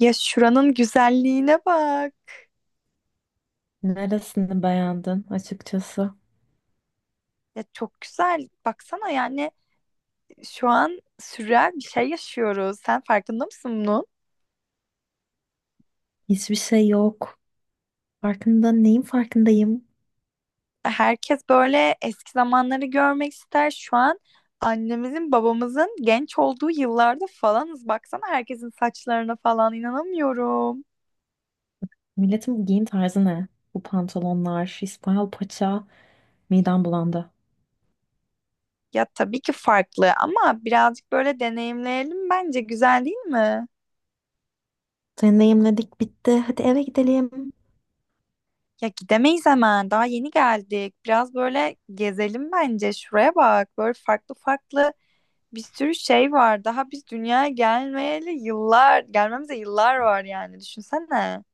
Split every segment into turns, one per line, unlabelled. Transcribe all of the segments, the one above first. Ya şuranın güzelliğine bak.
Neresini beğendin açıkçası?
Ya çok güzel. Baksana yani şu an sürreal bir şey yaşıyoruz. Sen farkında mısın bunun?
Hiçbir şey yok. Farkında neyin farkındayım?
Herkes böyle eski zamanları görmek ister. Şu an annemizin, babamızın genç olduğu yıllarda falanız. Baksana herkesin saçlarına falan inanamıyorum.
Milletin giyim tarzı ne? Bu pantolonlar, İspanyol paça, midem bulandı.
Ya tabii ki farklı ama birazcık böyle deneyimleyelim bence. Güzel değil mi?
Deneyimledik bitti. Hadi eve gidelim.
Ya gidemeyiz hemen. Daha yeni geldik. Biraz böyle gezelim bence. Şuraya bak. Böyle farklı farklı bir sürü şey var. Daha biz dünyaya gelmeyeli yıllar, gelmemize yıllar var yani. Düşünsene.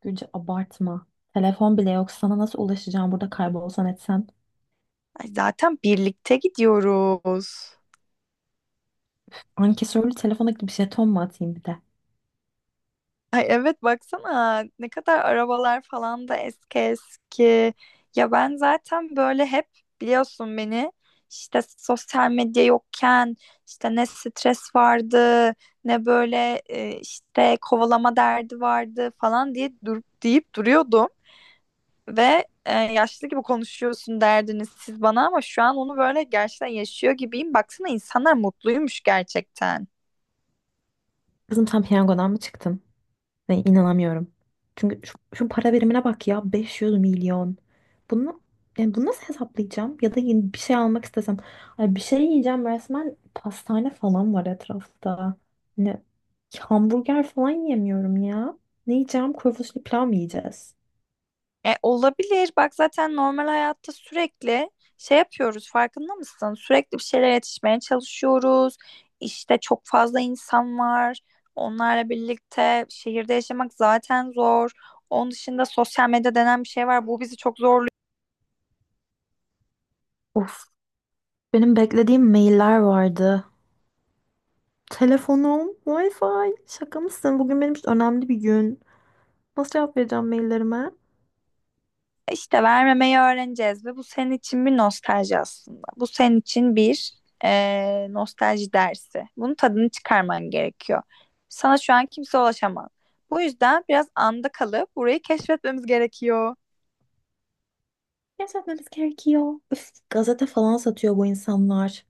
Gülce abartma. Telefon bile yok. Sana nasıl ulaşacağım burada kaybolsan etsen?
Ay zaten birlikte gidiyoruz.
Ankesörlü telefona bir jeton mu atayım bir de?
Ay evet baksana ne kadar arabalar falan da eski eski. Ya ben zaten böyle hep biliyorsun beni işte sosyal medya yokken işte ne stres vardı ne böyle işte kovalama derdi vardı falan diye durup deyip duruyordum. Ve yaşlı gibi konuşuyorsun derdiniz siz bana ama şu an onu böyle gerçekten yaşıyor gibiyim. Baksana insanlar mutluymuş gerçekten.
Kızım sen piyangodan mı çıktın? Ve inanamıyorum. Çünkü şu para birimine bak ya, 500 milyon. Bunu, yani bunu nasıl hesaplayacağım? Ya da yeni bir şey almak istesem. Ay bir şey yiyeceğim, resmen pastane falan var etrafta. Ne, hamburger falan yemiyorum ya. Ne yiyeceğim? Kuru fasulye pilav mı yiyeceğiz?
Olabilir. Bak zaten normal hayatta sürekli şey yapıyoruz. Farkında mısın? Sürekli bir şeylere yetişmeye çalışıyoruz. İşte çok fazla insan var. Onlarla birlikte şehirde yaşamak zaten zor. Onun dışında sosyal medya denen bir şey var. Bu bizi çok zorluyor.
Of, benim beklediğim mailler vardı. Telefonum, Wi-Fi. Şaka mısın? Bugün benim için önemli bir gün. Nasıl cevap vereceğim maillerime?
İşte vermemeyi öğreneceğiz ve bu senin için bir nostalji aslında. Bu senin için bir nostalji dersi. Bunun tadını çıkarman gerekiyor. Sana şu an kimse ulaşamaz. Bu yüzden biraz anda kalıp burayı keşfetmemiz gerekiyor.
Gerçekten etmemiz gerekiyor. Üf, gazete falan satıyor bu insanlar.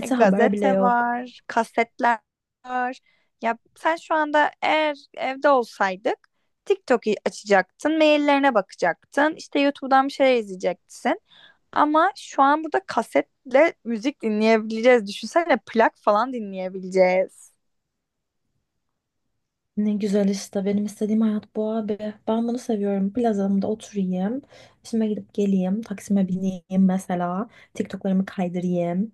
E,
haber bile
gazete
yok.
var, kasetler var. Ya sen şu anda eğer evde olsaydık TikTok'u açacaktın, maillerine bakacaktın, işte YouTube'dan bir şeyler izleyeceksin. Ama şu an burada kasetle müzik dinleyebileceğiz. Düşünsene plak falan dinleyebileceğiz.
Ne güzel işte. Benim istediğim hayat bu abi. Ben bunu seviyorum. Plazamda oturayım. İşime gidip geleyim. Taksime bineyim mesela. TikTok'larımı kaydırayım.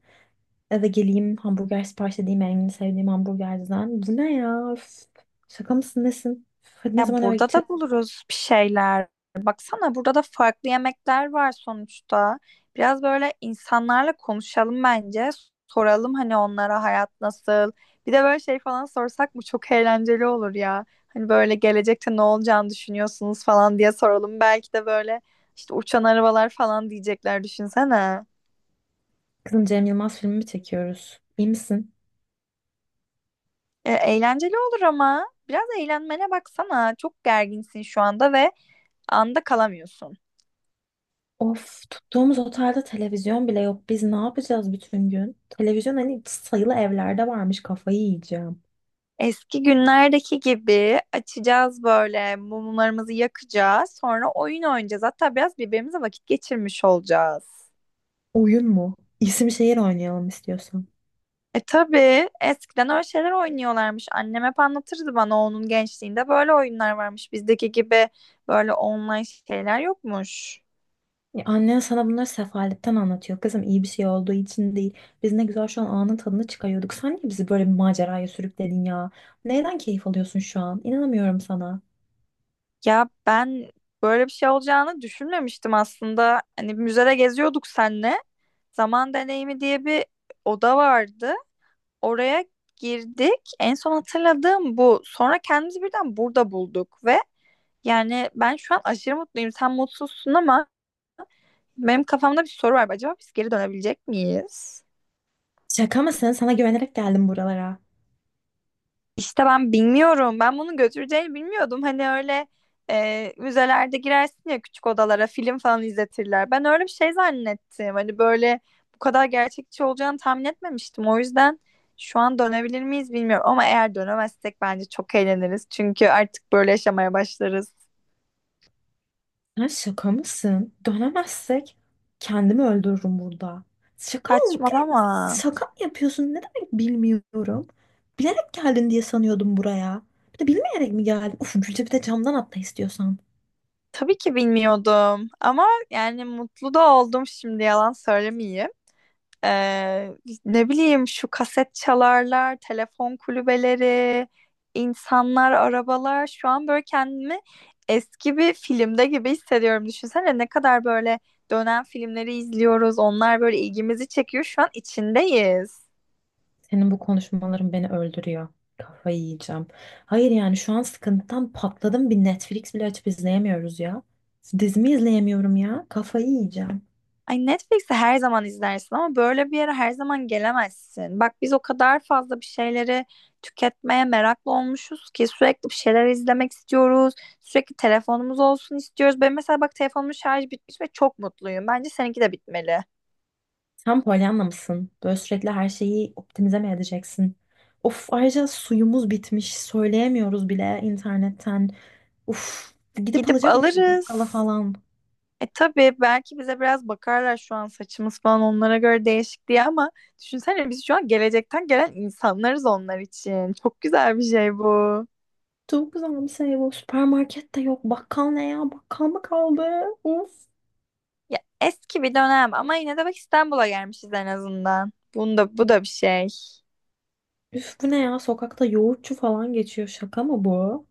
Eve geleyim. Hamburger sipariş edeyim. En sevdiğim hamburgerciden. Bu ne ya? Üf. Şaka mısın nesin? Üf, hadi ne
Ya
zaman eve
burada
gideceğiz?
da buluruz bir şeyler. Baksana burada da farklı yemekler var sonuçta. Biraz böyle insanlarla konuşalım bence. Soralım hani onlara hayat nasıl. Bir de böyle şey falan sorsak mı çok eğlenceli olur ya. Hani böyle gelecekte ne olacağını düşünüyorsunuz falan diye soralım. Belki de böyle işte uçan arabalar falan diyecekler düşünsene.
Kızım Cem Yılmaz filmi mi çekiyoruz? İyi misin?
Eğlenceli olur ama biraz eğlenmene baksana. Çok gerginsin şu anda ve anda kalamıyorsun.
Of, tuttuğumuz otelde televizyon bile yok. Biz ne yapacağız bütün gün? Televizyon hani sayılı evlerde varmış. Kafayı yiyeceğim.
Eski günlerdeki gibi açacağız böyle mumlarımızı yakacağız. Sonra oyun oynayacağız. Hatta biraz birbirimize vakit geçirmiş olacağız.
Oyun mu? İsim şehir oynayalım istiyorsan.
Tabii eskiden öyle şeyler oynuyorlarmış. Annem hep anlatırdı bana onun gençliğinde böyle oyunlar varmış. Bizdeki gibi böyle online şeyler yokmuş.
Ya annen sana bunları sefaletten anlatıyor. Kızım iyi bir şey olduğu için değil. Biz ne güzel şu an anın tadını çıkarıyorduk. Sen niye bizi böyle bir maceraya sürükledin ya? Neyden keyif alıyorsun şu an? İnanamıyorum sana.
Ya ben böyle bir şey olacağını düşünmemiştim aslında. Hani müzede geziyorduk senle. Zaman deneyimi diye bir oda vardı. Oraya girdik. En son hatırladığım bu. Sonra kendimizi birden burada bulduk ve yani ben şu an aşırı mutluyum. Sen mutsuzsun ama benim kafamda bir soru var. Acaba biz geri dönebilecek miyiz?
Şaka mısın? Sana güvenerek geldim buralara.
İşte ben bilmiyorum. Ben bunun götüreceğini bilmiyordum. Hani öyle müzelerde girersin ya küçük odalara film falan izletirler. Ben öyle bir şey zannettim. Hani böyle bu kadar gerçekçi olacağını tahmin etmemiştim. O yüzden şu an dönebilir miyiz bilmiyorum. Ama eğer dönemezsek bence çok eğleniriz. Çünkü artık böyle yaşamaya başlarız.
Sen şaka mısın? Dönemezsek kendimi öldürürüm burada. Şaka ol ya.
Saçmalama.
Şaka mı yapıyorsun? Ne demek bilmiyorum. Bilerek geldin diye sanıyordum buraya. Bir de bilmeyerek mi geldin? Uf Gülce, bir de camdan atla istiyorsan.
Tabii ki bilmiyordum. Ama yani mutlu da oldum şimdi yalan söylemeyeyim. Ee, ne bileyim şu kaset çalarlar, telefon kulübeleri, insanlar, arabalar. Şu an böyle kendimi eski bir filmde gibi hissediyorum. Düşünsene ne kadar böyle dönen filmleri izliyoruz. Onlar böyle ilgimizi çekiyor. Şu an içindeyiz.
Senin bu konuşmaların beni öldürüyor. Kafayı yiyeceğim. Hayır yani şu an sıkıntıdan patladım. Bir Netflix bile açıp izleyemiyoruz ya. Dizimi izleyemiyorum ya. Kafayı yiyeceğim.
Ay Netflix'i her zaman izlersin ama böyle bir yere her zaman gelemezsin. Bak biz o kadar fazla bir şeyleri tüketmeye meraklı olmuşuz ki sürekli bir şeyler izlemek istiyoruz. Sürekli telefonumuz olsun istiyoruz. Ben mesela bak telefonumun şarjı bitmiş ve çok mutluyum. Bence seninki de bitmeli.
Sen Pollyanna mısın? Böyle sürekli her şeyi optimize mi edeceksin? Of, ayrıca suyumuz bitmiş. Söyleyemiyoruz bile internetten. Uf, gidip
Gidip
alacak mıyız
alırız.
bakkala falan?
Tabii belki bize biraz bakarlar şu an saçımız falan onlara göre değişik diye ama düşünsene biz şu an gelecekten gelen insanlarız onlar için. Çok güzel bir şey bu.
Çok güzel bir şey bu. Süpermarket de yok. Bakkal ne ya? Bakkal mı kaldı? Of.
Ya eski bir dönem ama yine de bak İstanbul'a gelmişiz en azından. Bunda bu da bir şey.
Üf bu ne ya? Sokakta yoğurtçu falan geçiyor. Şaka mı bu?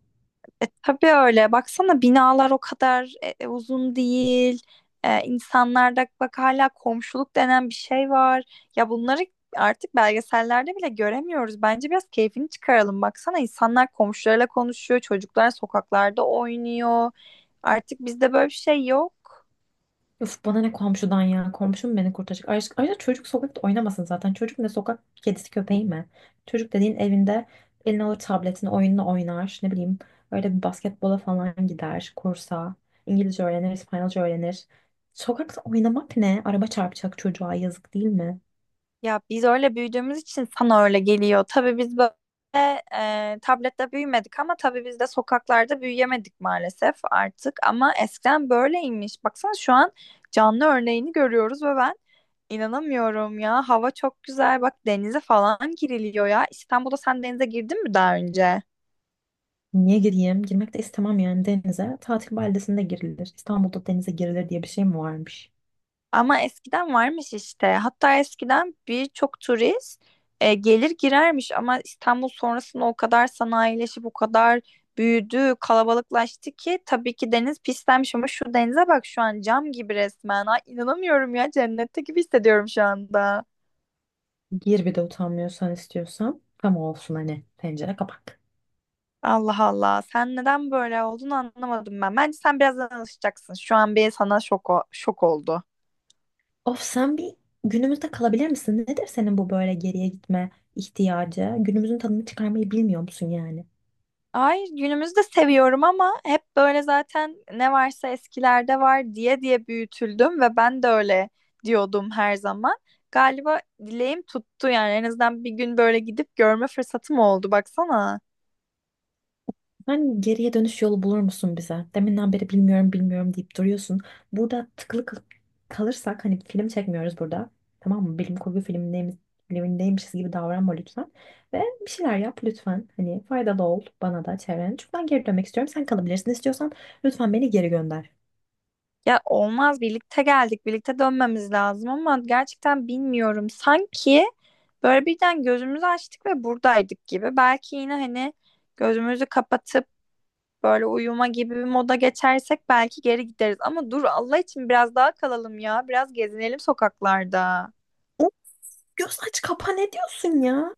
Tabii öyle. Baksana binalar o kadar uzun değil. E, insanlarda bak hala komşuluk denen bir şey var. Ya bunları artık belgesellerde bile göremiyoruz. Bence biraz keyfini çıkaralım. Baksana insanlar komşularıyla konuşuyor, çocuklar sokaklarda oynuyor. Artık bizde böyle bir şey yok.
Üf bana ne komşudan ya? Komşum beni kurtaracak. Ayrıca çocuk sokakta oynamasın zaten. Çocuk ne, sokak kedisi köpeği mi? Çocuk dediğin evinde eline alır tabletini, oyununu oynar. Ne bileyim, öyle bir basketbola falan gider. Kursa. İngilizce öğrenir, İspanyolca öğrenir. Sokakta oynamak ne? Araba çarpacak, çocuğa yazık değil mi?
Ya biz öyle büyüdüğümüz için sana öyle geliyor. Tabii biz böyle tablette büyümedik ama tabii biz de sokaklarda büyüyemedik maalesef artık. Ama eskiden böyleymiş. Baksana şu an canlı örneğini görüyoruz ve ben inanamıyorum ya. Hava çok güzel. Bak denize falan giriliyor ya. İstanbul'da sen denize girdin mi daha önce?
Niye gireyim? Girmek de istemem yani denize. Tatil beldesinde girilir. İstanbul'da denize girilir diye bir şey mi varmış?
Ama eskiden varmış işte. Hatta eskiden birçok turist gelir girermiş ama İstanbul sonrasında o kadar sanayileşip o kadar büyüdü, kalabalıklaştı ki tabii ki deniz pislenmiş ama şu denize bak şu an cam gibi resmen. Ay, inanamıyorum ya cennette gibi hissediyorum şu anda.
Gir bir de utanmıyorsan istiyorsan. Tam olsun hani, tencere kapak.
Allah Allah. Sen neden böyle olduğunu anlamadım ben. Bence sen birazdan alışacaksın. Şu an bir sana şok, şok oldu.
Of sen bir günümüzde kalabilir misin? Nedir senin bu böyle geriye gitme ihtiyacı? Günümüzün tadını çıkarmayı bilmiyor musun yani?
Hayır, günümüzde seviyorum ama hep böyle zaten ne varsa eskilerde var diye diye büyütüldüm ve ben de öyle diyordum her zaman. Galiba dileğim tuttu yani en azından bir gün böyle gidip görme fırsatım oldu baksana.
Sen geriye dönüş yolu bulur musun bize? Deminden beri bilmiyorum bilmiyorum deyip duruyorsun. Burada kalırsak hani film çekmiyoruz burada. Tamam mı? Filmindeymişiz gibi davranma lütfen. Ve bir şeyler yap lütfen. Hani faydalı ol bana da, çevrene. Çünkü ben geri dönmek istiyorum. Sen kalabilirsin istiyorsan, lütfen beni geri gönder.
Ya olmaz birlikte geldik birlikte dönmemiz lazım ama gerçekten bilmiyorum. Sanki böyle birden gözümüzü açtık ve buradaydık gibi. Belki yine hani gözümüzü kapatıp böyle uyuma gibi bir moda geçersek belki geri gideriz. Ama dur Allah için biraz daha kalalım ya. Biraz gezinelim sokaklarda.
O göz aç kapa ne diyorsun ya?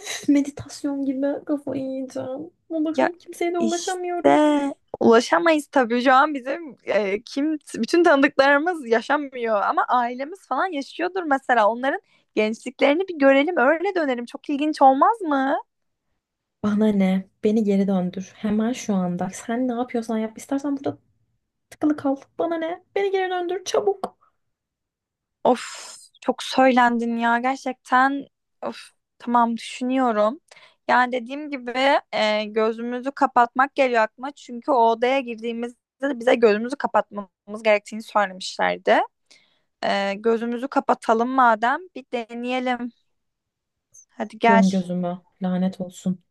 Üf, meditasyon gibi, kafayı yiyeceğim.
Ya
Allah'ım kimseye de
işte
ulaşamıyoruz.
ulaşamayız tabii. Şu an bizim kim bütün tanıdıklarımız yaşamıyor ama ailemiz falan yaşıyordur mesela. Onların gençliklerini bir görelim, öyle dönelim. Çok ilginç olmaz mı?
Bana ne? Beni geri döndür. Hemen şu anda. Sen ne yapıyorsan yap. İstersen burada tıkılı kal. Bana ne? Beni geri döndür çabuk.
Of çok söylendin ya gerçekten. Of tamam düşünüyorum. Yani dediğim gibi gözümüzü kapatmak geliyor aklıma. Çünkü o odaya girdiğimizde de bize gözümüzü kapatmamız gerektiğini söylemişlerdi. Gözümüzü kapatalım madem bir deneyelim. Hadi gel.
Diyorum gözümü. Lanet olsun.